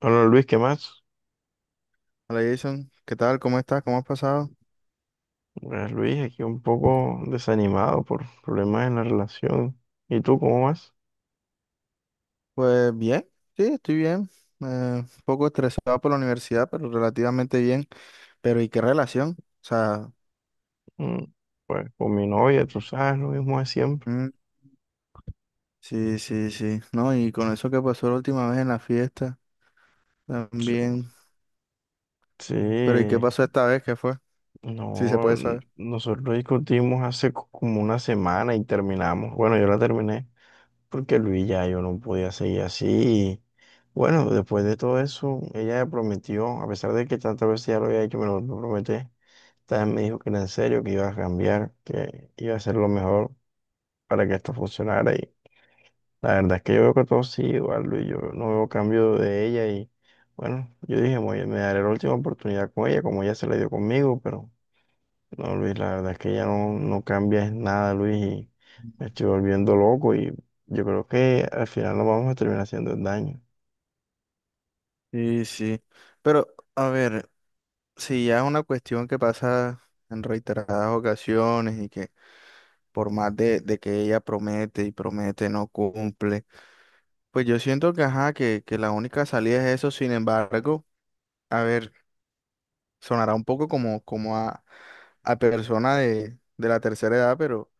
Bueno, Luis, ¿qué más? Hola Jason, ¿qué tal? ¿Cómo estás? ¿Cómo has pasado? Pues, Luis, aquí un poco desanimado por problemas en la relación. ¿Y tú cómo vas? Pues bien, sí, estoy bien. Eh, un poco estresado por la universidad, pero relativamente bien. Pero ¿y qué relación? O sea, Mm, Pues con mi novia, tú sabes, lo mismo de siempre. mm, sí, sí, sí. No, y con eso que pasó la última vez en la fiesta, Sí, también. Pero ¿y qué sí, pasó esta vez? ¿Qué fue? Sí, se no, puede saber. nosotros discutimos hace como una semana y terminamos. Bueno, yo la terminé porque, Luis, ya yo no podía seguir así. Bueno, después de todo eso, ella me prometió, a pesar de que tantas veces ya lo había hecho, me lo prometí. También me dijo que era en serio, que iba a cambiar, que iba a ser lo mejor para que esto funcionara. Y la verdad es que yo veo que todo sigue igual, Luis. Yo no veo cambio de ella. Y bueno, yo dije: Me daré la última oportunidad con ella, como ella se la dio conmigo". Pero no, Luis, la verdad es que ella no, no cambia en nada, Luis. Y me estoy volviendo loco. Y yo creo que al final nos vamos a terminar haciendo el daño. Sí, sí. Pero, a ver, si ya es una cuestión que pasa en reiteradas ocasiones y que por más de que ella promete y promete, no cumple. Pues yo siento que, ajá, que la única salida es eso. Sin embargo, a ver, sonará un poco como, como a persona de la tercera edad, pero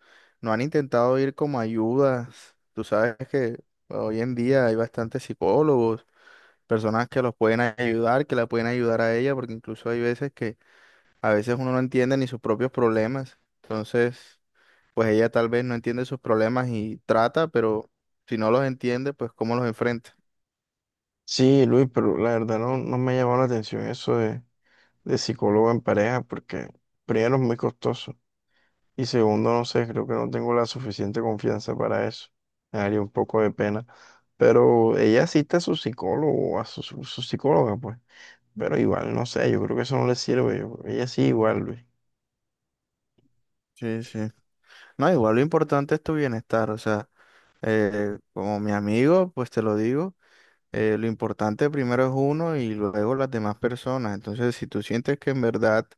no han intentado ir como ayudas. Tú sabes que hoy en día hay bastantes psicólogos, personas que los pueden ayudar, que la pueden ayudar a ella, porque incluso hay veces que a veces uno no entiende ni sus propios problemas. Entonces, pues ella tal vez no entiende sus problemas y trata, pero si no los entiende, pues cómo los enfrenta. Sí, Luis, pero la verdad no, no me ha llamado la atención eso de psicólogo en pareja, porque primero es muy costoso. Y segundo, no sé, creo que no tengo la suficiente confianza para eso. Me daría un poco de pena. Pero ella cita a su psicólogo, a su, su psicóloga, pues. Pero igual, no sé, yo creo que eso no le sirve. Ella sí, igual, Luis. Sí, sí. No, igual lo importante es tu bienestar. O sea, como mi amigo, pues te lo digo, lo importante primero es uno y luego las demás personas. Entonces, si tú sientes que en verdad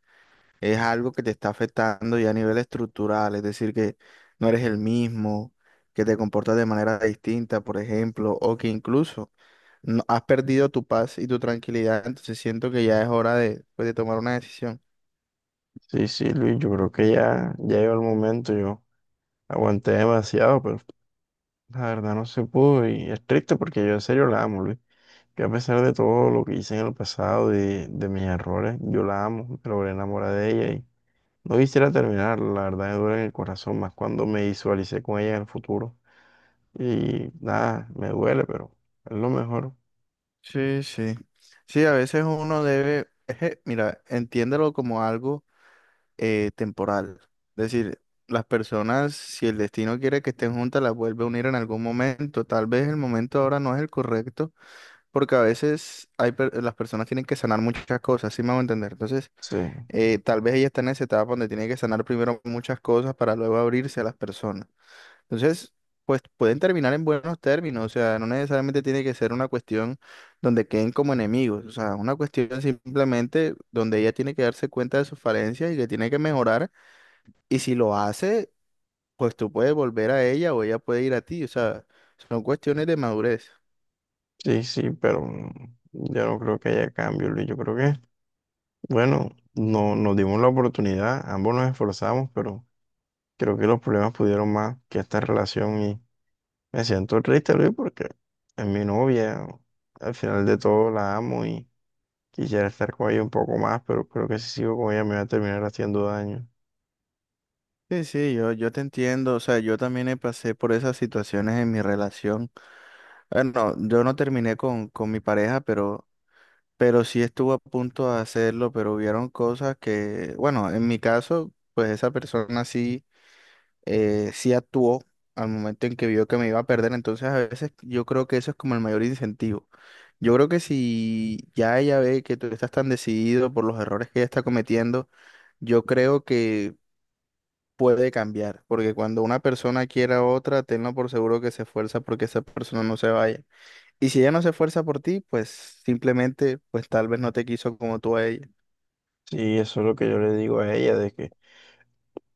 es algo que te está afectando ya a nivel estructural, es decir, que no eres el mismo, que te comportas de manera distinta, por ejemplo, o que incluso has perdido tu paz y tu tranquilidad, entonces siento que ya es hora de, pues, de tomar una decisión. Sí, sí, Luis, yo creo que ya, ya llegó el momento. Yo aguanté demasiado, pero la verdad no se pudo. Y es triste porque yo en serio la amo, Luis. Yo, a pesar de todo lo que hice en el pasado, de mis errores, yo la amo. Me logré enamorar de ella. No quisiera terminar, la verdad me duele en el corazón, más cuando me visualicé con ella en el futuro. Y nada, me duele, pero es lo mejor. Sí, sí. Sí, a veces uno debe, mira, entiéndelo como algo temporal. Es decir, las personas, si el destino quiere que estén juntas, las vuelve a unir en algún momento. Tal vez el momento ahora no es el correcto, porque a veces las personas tienen que sanar muchas cosas, ¿sí me a entender? Entonces, Sí, tal vez ella está en esa etapa donde tiene que sanar primero muchas cosas para luego abrirse a las personas. Entonces, pues pueden terminar en buenos términos. O sea, no necesariamente tiene que ser una cuestión donde queden como enemigos. O sea, una cuestión simplemente donde ella tiene que darse cuenta de sus falencias y que tiene que mejorar, y si lo hace, pues tú puedes volver a ella o ella puede ir a ti. O sea, son cuestiones de madurez. sí, sí, pero yo no creo que haya cambio, Luis. Yo creo que, bueno, no, nos dimos la oportunidad, ambos nos esforzamos, pero creo que los problemas pudieron más que esta relación y me siento triste, Luis, porque es mi novia, al final de todo la amo y quisiera estar con ella un poco más, pero creo que si sigo con ella me va a terminar haciendo daño. Sí, sí, yo te entiendo. O sea, yo también pasé por esas situaciones en mi relación. Bueno, yo no terminé con mi pareja, pero sí estuvo a punto de hacerlo, pero hubieron cosas que, bueno, en mi caso, pues esa persona sí. Sí actuó al momento en que vio que me iba a perder. Entonces, a veces yo creo que eso es como el mayor incentivo. Yo creo que si ya ella ve que tú estás tan decidido por los errores que ella está cometiendo, yo creo que puede cambiar, porque cuando una persona quiere a otra, tenlo por seguro que se esfuerza porque esa persona no se vaya. Y si ella no se esfuerza por ti, pues simplemente, pues tal vez no te quiso como tú a ella. Sí, eso es lo que yo le digo a ella, de que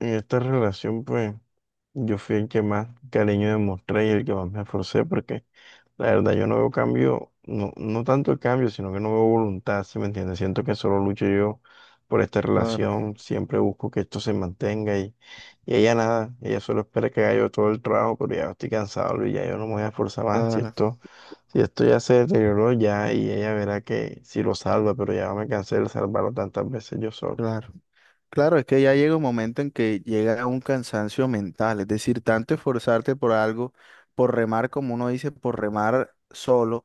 en esta relación, pues, yo fui el que más cariño demostré y el que más me esforcé, porque la verdad yo no veo cambio, no, no tanto el cambio, sino que no veo voluntad. ¿Sí me entiendes? Siento que solo lucho yo por esta Claro, relación, siempre busco que esto se mantenga, y ella nada, ella solo espera que haga yo todo el trabajo, pero ya estoy cansado y ya yo no me voy a esforzar más. Claro, Si esto ya se deterioró ya, y ella verá que si lo salva, pero ya me cansé de salvarlo tantas veces yo solo. claro. Claro, es que ya llega un momento en que llega un cansancio mental, es decir, tanto esforzarte por algo, por remar, como uno dice, por remar solo,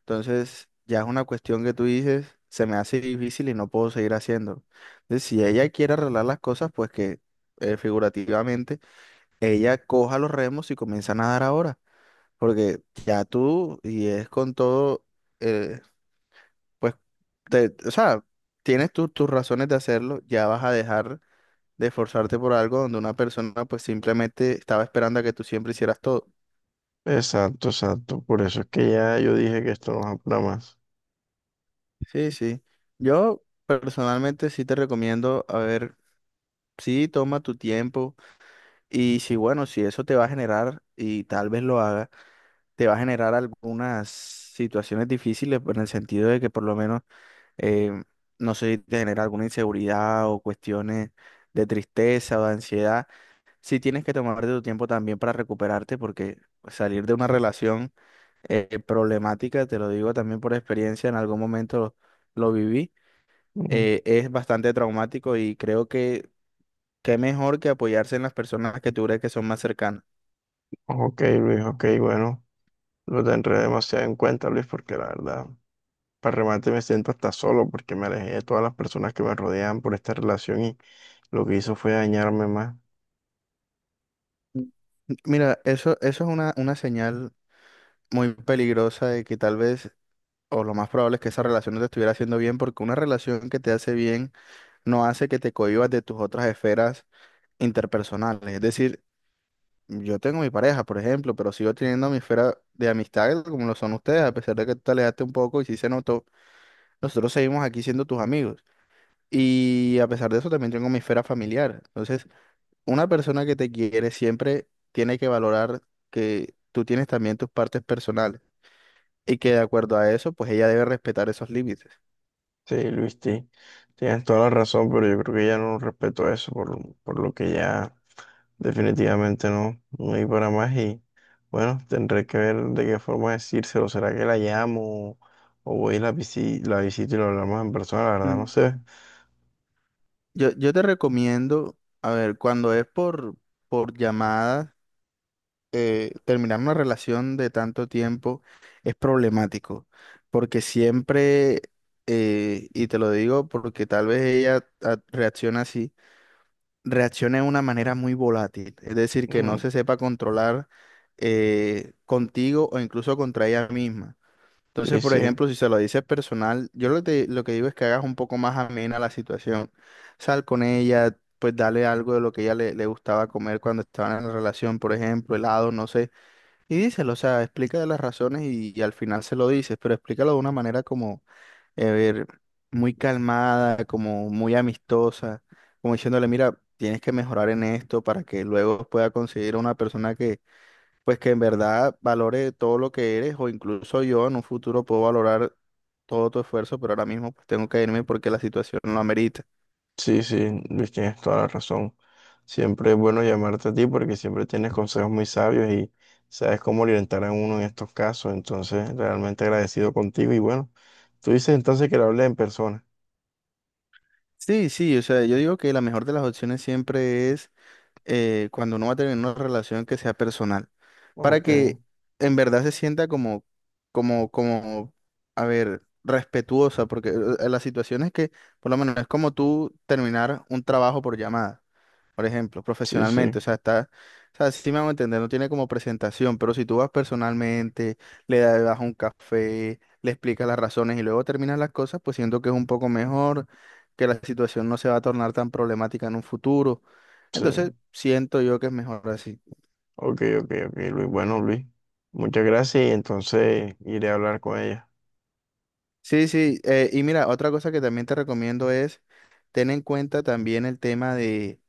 entonces ya es una cuestión que tú dices, se me hace difícil y no puedo seguir haciendo. Entonces, si ella quiere arreglar las cosas, pues que figurativamente ella coja los remos y comienza a nadar ahora, porque ya tú, y es con todo, eh, pues, o sea, tienes tus razones de hacerlo, ya vas a dejar de esforzarte por algo donde una persona pues simplemente estaba esperando a que tú siempre hicieras todo. Exacto, exacto. Por eso es que ya yo dije que esto no es apura más. Sí, sí. Yo personalmente sí te recomiendo, a ver, sí, toma tu tiempo, y si bueno, si eso te va a generar, y tal vez lo haga, te va a generar algunas situaciones difíciles, pues en el sentido de que por lo menos, eh, no sé, te genera alguna inseguridad o cuestiones de tristeza o de ansiedad. Sí tienes que tomarte tu tiempo también para recuperarte, porque pues, salir de una relación problemática, te lo digo también por experiencia, en algún momento lo viví, Mm. Es bastante traumático, y creo que qué mejor que apoyarse en las personas que tú crees que son más cercanas. Ok, Luis, ok, bueno. Lo tendré demasiado en cuenta, Luis, porque la verdad, para remate me siento hasta solo porque me alejé de todas las personas que me rodeaban por esta relación y lo que hizo fue dañarme más. Mm. Mira, eso es una señal muy peligrosa de que tal vez, o lo más probable es que esa relación no te estuviera haciendo bien, porque una relación que te hace bien no hace que te cohibas de tus otras esferas interpersonales. Es decir, yo tengo mi pareja, por ejemplo, pero sigo teniendo mi esfera de amistades como lo son ustedes. A pesar de que tú te alejaste un poco y sí se notó, nosotros seguimos aquí siendo tus amigos. Y a pesar de eso también tengo mi esfera familiar. Entonces, una persona que te quiere siempre tiene que valorar que tú tienes también tus partes personales y que de acuerdo a eso, pues ella debe respetar esos límites. Sí, Luis, tienes toda la razón, pero yo creo que ya no respeto eso por lo que ya... Definitivamente no, no hay para más y bueno, tendré que ver de qué forma decírselo. ¿Será que la llamo o voy y la la visito y lo hablamos en persona? La verdad no Mm, sé. Yo te recomiendo, a ver, cuando es por llamada. Terminar una relación de tanto tiempo es problemático, porque siempre, y te lo digo porque tal vez ella reacciona así, reacciona de una manera muy volátil, es decir, que no Mm. se sepa controlar contigo o incluso contra ella misma. Sí, Entonces, por sí, ejemplo, si se lo dices personal, yo lo que, lo que digo es que hagas un poco más amena la situación. Sal con ella, pues dale algo de lo que ella le gustaba comer cuando estaban en la relación, por ejemplo, helado, no sé, y díselo. O sea, explica de las razones y al final se lo dices, pero explícalo de una manera como, a ver, muy calmada, como muy amistosa, como diciéndole, mira, tienes que mejorar en esto para que luego pueda conseguir una persona que, pues que en verdad valore todo lo que eres, o incluso yo en un futuro puedo valorar todo tu esfuerzo, pero ahora mismo pues tengo que irme porque la situación lo amerita. sí, sí, Luis, tienes toda la razón. Siempre es bueno llamarte a ti porque siempre tienes consejos muy sabios y sabes cómo orientar a uno en estos casos. Entonces, realmente agradecido contigo y bueno, tú dices entonces que la hablé en persona. Sí, sí, o sea, yo digo que la mejor de las opciones siempre es cuando uno va a tener una relación que sea personal, para Ok, que en verdad se sienta como, como, como, a ver, respetuosa, porque la situación es que, por lo menos, no es como tú terminar un trabajo por llamada, por ejemplo, sí, sí, profesionalmente. O sea, está, o sea, sí me van a entender, no tiene como presentación, pero si tú vas personalmente, le das un café, le explicas las razones y luego terminas las cosas, pues siento que es un poco mejor, que la situación no se va a tornar tan problemática en un futuro. sí. Entonces, siento yo que es mejor así. Ok, ok, ok, Luis. Bueno, Luis, muchas gracias y entonces iré a hablar con ella. Sí, sí, y mira, otra cosa que también te recomiendo es ten en cuenta también el tema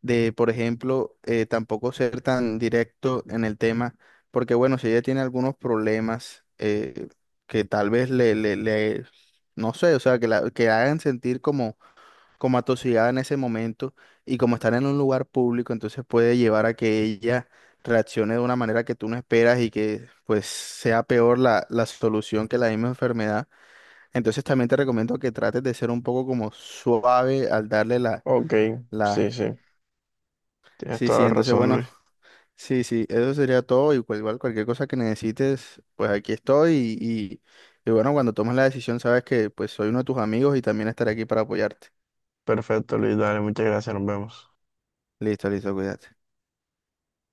de por ejemplo, tampoco ser tan directo en el tema, porque bueno, si ella tiene algunos problemas que tal vez no sé, o sea, que la, que hagan sentir como como atosigada en ese momento y como estar en un lugar público, entonces puede llevar a que ella reaccione de una manera que tú no esperas y que pues sea peor la, la solución que la misma enfermedad. Entonces también te recomiendo que trates de ser un poco como suave al darle la, Ok, sí, la... sí, tienes Sí, toda sí, la entonces razón, bueno, Luis. sí, sí, eso sería todo, y igual cualquier cosa que necesites, pues aquí estoy, y, y, y bueno, cuando tomes la decisión sabes que pues soy uno de tus amigos y también estaré aquí para apoyarte. Perfecto, Luis, dale, muchas gracias, nos vemos. Listo, listo, cuídate.